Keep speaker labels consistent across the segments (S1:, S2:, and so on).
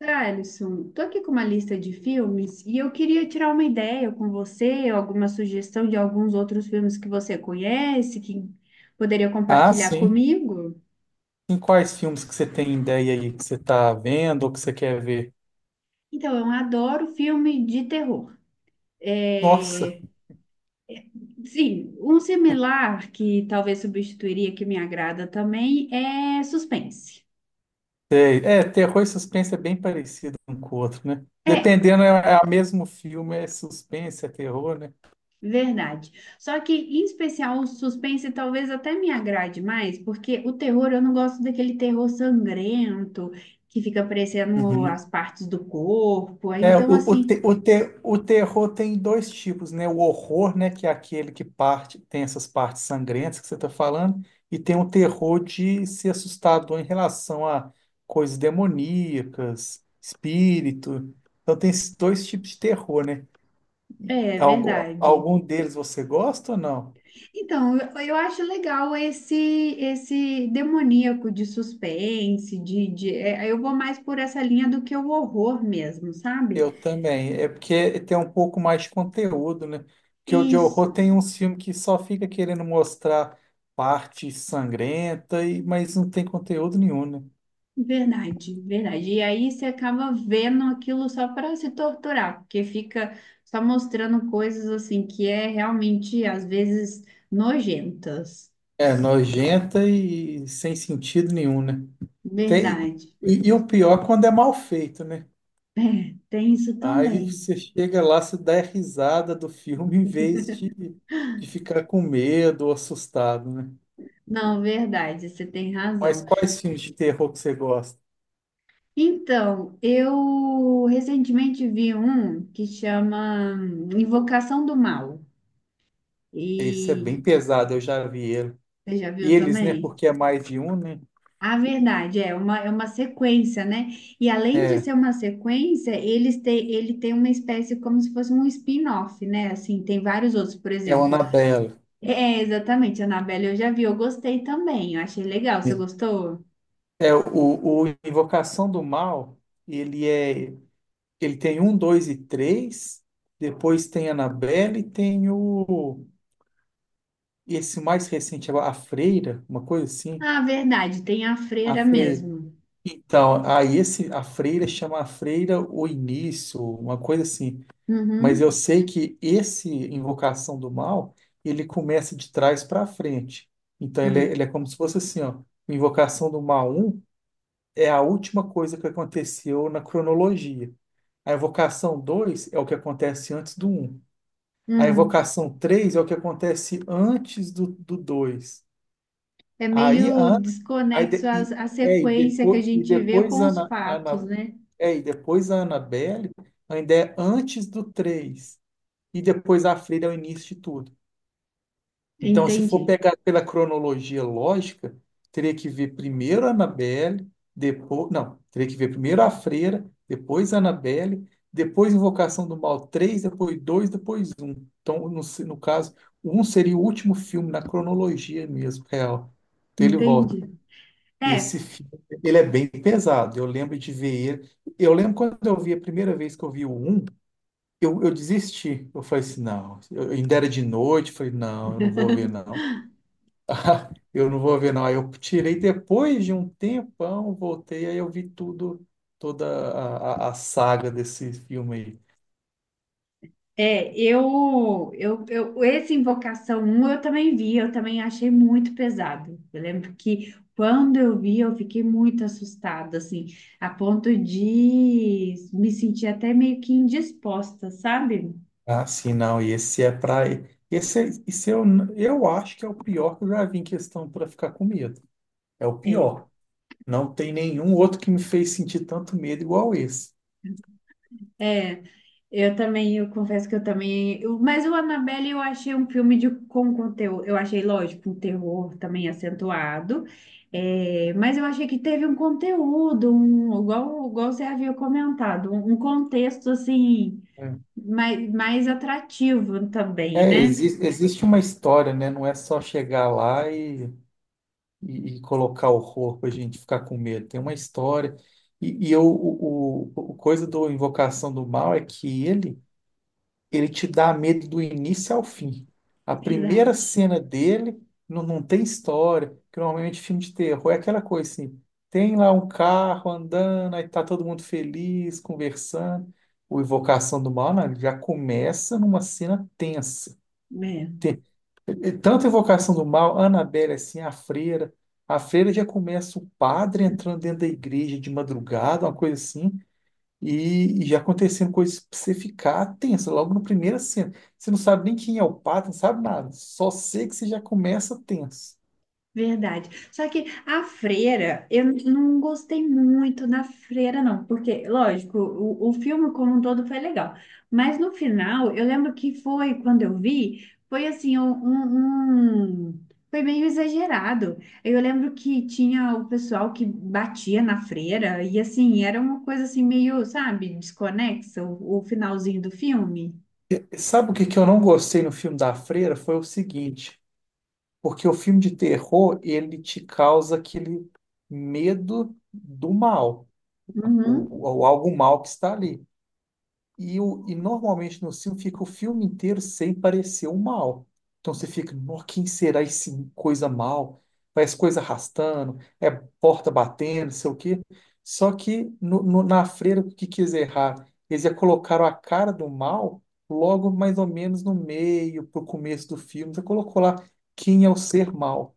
S1: Ah, Alisson, tô aqui com uma lista de filmes e eu queria tirar uma ideia com você, alguma sugestão de alguns outros filmes que você conhece, que poderia
S2: Ah,
S1: compartilhar
S2: sim.
S1: comigo.
S2: Em quais filmes que você tem ideia aí que você tá vendo ou que você quer ver?
S1: Então, eu adoro filme de terror.
S2: Nossa,
S1: É, sim, um similar que talvez substituiria que me agrada também é suspense.
S2: sei. É, terror e suspense é bem parecido um com o outro, né?
S1: É,
S2: Dependendo, é, é o mesmo filme, é suspense, é terror, né?
S1: verdade. Só que, em especial, o suspense talvez até me agrade mais, porque o terror, eu não gosto daquele terror sangrento que fica aparecendo as
S2: Uhum.
S1: partes do corpo. Aí,
S2: É, o,
S1: então,
S2: o,
S1: assim,
S2: te- o, te- o terror tem dois tipos, né? O horror, né? Que é aquele que parte, tem essas partes sangrentas que você está falando, e tem o terror de ser assustador em relação a coisas demoníacas, espírito. Então tem esses dois tipos de terror, né?
S1: é verdade.
S2: Algum deles você gosta ou não?
S1: Então, eu acho legal esse demoníaco de suspense, de, eu vou mais por essa linha do que o horror mesmo, sabe?
S2: Eu também. É porque tem um pouco mais de conteúdo, né? Porque o de
S1: Isso.
S2: horror tem uns filmes que só fica querendo mostrar parte sangrenta, mas não tem conteúdo nenhum, né?
S1: Verdade, verdade. E aí você acaba vendo aquilo só para se torturar, porque fica só mostrando coisas assim que é realmente às vezes nojentas.
S2: É nojenta e sem sentido nenhum, né? Tem,
S1: Verdade.
S2: e o pior é quando é mal feito, né?
S1: É, tem isso
S2: Aí
S1: também.
S2: você chega lá, você dá risada do filme em vez de ficar com medo ou assustado, né?
S1: Não, verdade, você tem
S2: Mas
S1: razão.
S2: quais filmes de terror que você gosta?
S1: Então, eu recentemente vi um que chama Invocação do Mal.
S2: Esse é
S1: E
S2: bem pesado, eu já vi ele.
S1: você já
S2: E
S1: viu
S2: eles, né?
S1: também?
S2: Porque é mais de um, né?
S1: A verdade é uma sequência, né? E além de
S2: É,
S1: ser uma sequência, eles têm, ele tem uma espécie como se fosse um spin-off, né? Assim, tem vários outros, por
S2: é o
S1: exemplo.
S2: Annabelle.
S1: É, é, exatamente, Annabelle eu já vi, eu gostei também, eu achei legal. Você gostou?
S2: É, o Invocação do Mal, ele é. Ele tem um, dois e três. Depois tem Annabelle e tem o. Esse mais recente, a Freira, uma coisa assim.
S1: Ah, verdade, tem a
S2: A
S1: freira
S2: Freira.
S1: mesmo.
S2: Então, aí esse, a Freira chama a Freira o início, uma coisa assim. Mas eu
S1: Uhum,
S2: sei que esse Invocação do Mal, ele começa de trás para frente. Então
S1: hum,
S2: ele é como se fosse assim, ó, Invocação do Mal um é a última coisa que aconteceu na cronologia. A Invocação 2 é o que acontece antes do um. A
S1: hum.
S2: Invocação 3 é o que acontece antes do, do dois.
S1: É
S2: Aí, a,
S1: meio
S2: Ana- aí
S1: desconexo
S2: de- e,
S1: a
S2: é,
S1: sequência que a
S2: e
S1: gente vê
S2: depois
S1: com
S2: a
S1: os
S2: Ana,
S1: fatos,
S2: Ana,
S1: né?
S2: é, e depois a Annabelle ainda é antes do três. E depois a Freira é o início de tudo. Então, se
S1: Entendi,
S2: for pegar pela cronologia lógica, teria que ver primeiro a Annabelle, depois. Não, teria que ver primeiro a Freira, depois a Annabelle, depois Invocação do Mal três, depois dois, depois um. Então, no caso, um seria o último filme na cronologia mesmo, real. Então ele volta.
S1: entendi. É,
S2: Esse filme, ele é bem pesado. Eu lembro de ver ele. Eu lembro quando eu vi a primeira vez que eu vi o um, eu desisti. Eu falei assim, não, eu, ainda era de noite, falei, não, eu não vou ver, não. Eu não vou ver, não. Aí eu tirei depois de um tempão, voltei, aí eu vi tudo, toda a saga desse filme aí.
S1: é, eu, esse Invocação 1 eu também vi, eu também achei muito pesado. Eu lembro que quando eu vi, eu fiquei muito assustada, assim, a ponto de me sentir até meio que indisposta, sabe?
S2: Ah, sim, não. E esse é pra. Esse, esse eu acho que é o pior que eu já vi em questão pra ficar com medo. É o
S1: É,
S2: pior. Não tem nenhum outro que me fez sentir tanto medo igual esse.
S1: é. Eu também, eu confesso que eu também. Mas o Annabelle eu achei um filme de, com conteúdo. Eu achei, lógico, um terror também acentuado. É, mas eu achei que teve um conteúdo, um, igual, igual você havia comentado, um contexto assim
S2: É,
S1: mais, mais atrativo também,
S2: é,
S1: né?
S2: existe uma história, né? Não é só chegar lá e, e colocar o corpo, a gente ficar com medo. Tem uma história. E eu, o coisa do Invocação do Mal é que ele. Ele te dá medo do início ao fim. A primeira
S1: Verdade.
S2: cena dele não, não tem história, que normalmente é filme de terror é aquela coisa assim, tem lá um carro andando, aí tá todo mundo feliz, conversando. O Invocação do Mal, não, ele já começa numa cena tensa. E tanto Invocação do Mal, Annabelle assim, a freira. A freira já começa o padre entrando dentro da igreja de madrugada, uma coisa assim. E já aconteceram coisas pra você ficar tenso logo na primeira cena. Você não sabe nem quem é o pato, não sabe nada. Só sei que você já começa tenso.
S1: Verdade. Só que a freira, não gostei muito na freira, não, porque, lógico, o filme como um todo foi legal, mas no final, eu lembro que foi, quando eu vi, foi assim, um, foi meio exagerado. Eu lembro que tinha o pessoal que batia na freira, e assim, era uma coisa assim, meio, sabe, desconexa, o finalzinho do filme.
S2: E sabe o que que eu não gostei no filme da Freira? Foi o seguinte, porque o filme de terror, ele te causa aquele medo do mal,
S1: Uhum,
S2: ou algo mal que está ali. E normalmente no filme fica o filme inteiro sem parecer o mal. Então você fica, "Nó, quem será esse coisa mal? Parece coisa arrastando, é porta batendo, sei o quê". Só que na freira, o que quis errar? Eles já colocaram a cara do mal logo mais ou menos no meio, pro começo do filme. Você colocou lá, quem é o ser mal?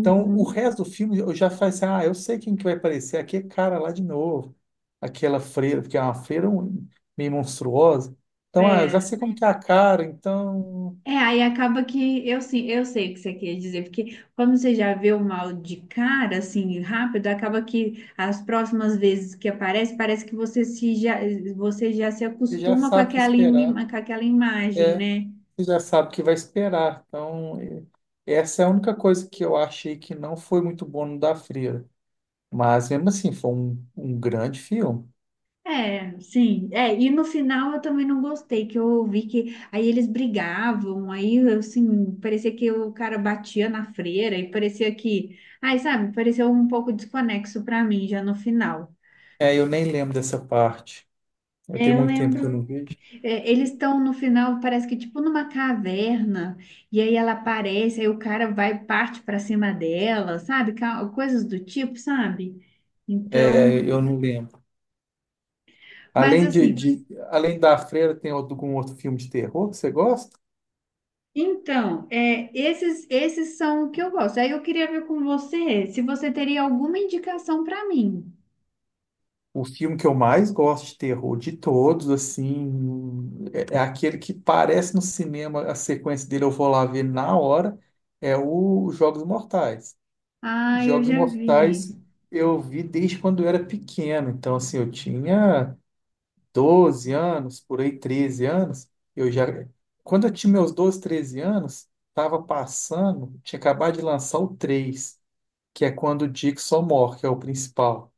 S2: Então, o resto do filme eu já falei assim, ah, eu sei quem que vai aparecer aqui, é cara lá de novo. Aquela freira, porque é uma freira meio monstruosa. Então, ah, eu já
S1: É.
S2: sei como que é a cara, então
S1: É, aí acaba que eu sim, eu sei o que você quer dizer, porque como você já vê o mal de cara, assim, rápido, acaba que as próximas vezes que aparece, parece que você já se
S2: você já
S1: acostuma com
S2: sabe o que
S1: aquela,
S2: esperar.
S1: com aquela imagem,
S2: É,
S1: né?
S2: você já sabe o que vai esperar. Então, essa é a única coisa que eu achei que não foi muito bom no da freira. Mas mesmo assim, foi um, um grande filme.
S1: É, sim. É, e no final eu também não gostei, que eu ouvi que aí eles brigavam, aí assim, parecia que o cara batia na freira e parecia que, ai, sabe, pareceu um pouco desconexo pra mim já no final.
S2: É, eu nem lembro dessa parte. Eu
S1: É,
S2: tenho
S1: eu
S2: muito tempo que eu
S1: lembro,
S2: não vejo.
S1: é, eles estão no final, parece que tipo numa caverna, e aí ela aparece, aí o cara vai, parte para cima dela, sabe? Coisas do tipo, sabe?
S2: É,
S1: Então,
S2: eu não lembro.
S1: mas
S2: Além de,
S1: assim,
S2: além da Freira, tem algum outro filme de terror que você gosta?
S1: então, é, esses são o que eu gosto. Aí eu queria ver com você se você teria alguma indicação para mim.
S2: O filme que eu mais gosto de terror de todos, assim, é, é aquele que parece no cinema, a sequência dele eu vou lá ver na hora, é o Jogos Mortais.
S1: Ah, eu
S2: Jogos
S1: já vi.
S2: Mortais eu vi desde quando eu era pequeno, então assim, eu tinha 12 anos, por aí 13 anos, eu já quando eu tinha meus 12, 13 anos, estava passando, tinha acabado de lançar o 3. Que é quando o Dixon morre, que é o principal.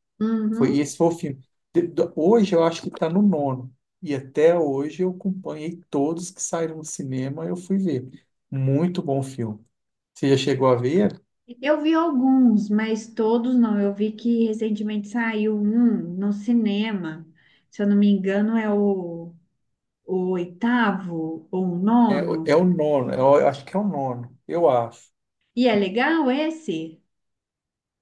S2: Foi
S1: Uhum.
S2: esse foi o filme. Hoje eu acho que está no nono. E até hoje eu acompanhei todos que saíram do cinema, eu fui ver. Muito bom filme. Você já chegou a ver?
S1: Eu vi alguns, mas todos não. Eu vi que recentemente saiu um no cinema. Se eu não me engano, é o oitavo ou o
S2: É
S1: nono.
S2: o nono, eu acho que é o nono, eu acho.
S1: E é legal esse,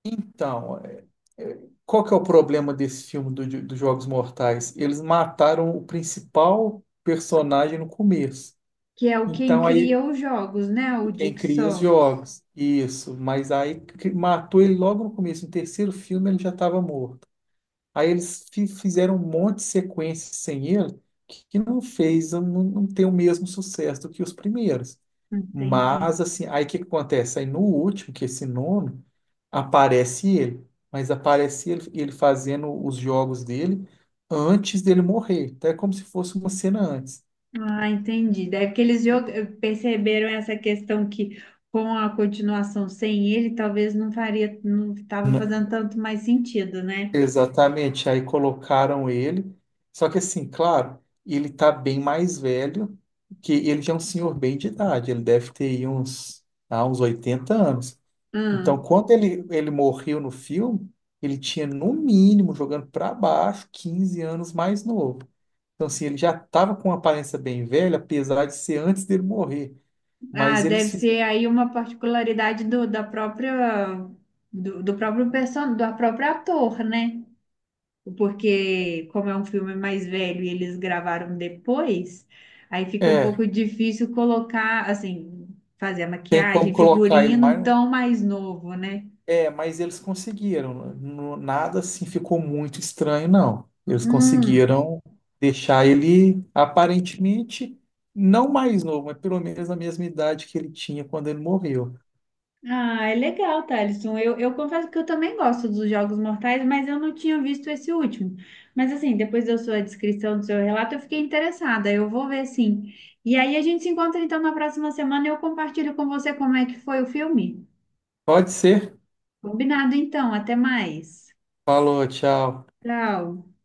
S2: Então, é- qual que é o problema desse filme do, dos Jogos Mortais? Eles mataram o principal personagem no começo.
S1: que é o quem
S2: Então aí.
S1: cria os jogos, né?
S2: E
S1: O
S2: quem cria os
S1: Dixon.
S2: jogos. Isso. Mas aí matou ele logo no começo. No terceiro filme ele já estava morto. Aí eles fizeram um monte de sequências sem ele que não, não tem o mesmo sucesso do que os primeiros.
S1: Entendi.
S2: Mas assim, aí o que que acontece? Aí no último, que é esse nono, aparece ele. Mas aparece ele, ele fazendo os jogos dele antes dele morrer. Então é como se fosse uma cena antes.
S1: Ah, entendi. Deve que perceberam essa questão que com a continuação sem ele, talvez não faria, não estava fazendo tanto mais sentido, né?
S2: Exatamente, aí colocaram ele. Só que assim, claro, ele tá bem mais velho, que ele já é um senhor bem de idade, ele deve ter aí uns, ah, uns 80 anos. Então,
S1: Hum.
S2: quando ele morreu no filme, ele tinha no mínimo, jogando para baixo, 15 anos mais novo. Então, assim, ele já estava com uma aparência bem velha, apesar de ser antes dele morrer.
S1: Ah,
S2: Mas
S1: deve
S2: eles
S1: ser
S2: fizeram.
S1: aí uma particularidade do, da própria, do próprio do próprio ator, né? Porque como é um filme mais velho e eles gravaram depois, aí fica um
S2: É,
S1: pouco difícil colocar, assim, fazer a
S2: tem como
S1: maquiagem,
S2: colocar ele
S1: figurino
S2: mais.
S1: tão mais novo, né?
S2: É, mas eles conseguiram. Nada assim ficou muito estranho, não. Eles
S1: Hum.
S2: conseguiram deixar ele aparentemente não mais novo, mas pelo menos a mesma idade que ele tinha quando ele morreu.
S1: Ah, é legal, Thalisson. Eu confesso que eu também gosto dos Jogos Mortais, mas eu não tinha visto esse último. Mas assim, depois da sua descrição, do seu relato, eu fiquei interessada. Eu vou ver sim. E aí a gente se encontra então na próxima semana e eu compartilho com você como é que foi o filme.
S2: Pode ser.
S1: Combinado então, até mais.
S2: Falou, tchau.
S1: Tchau.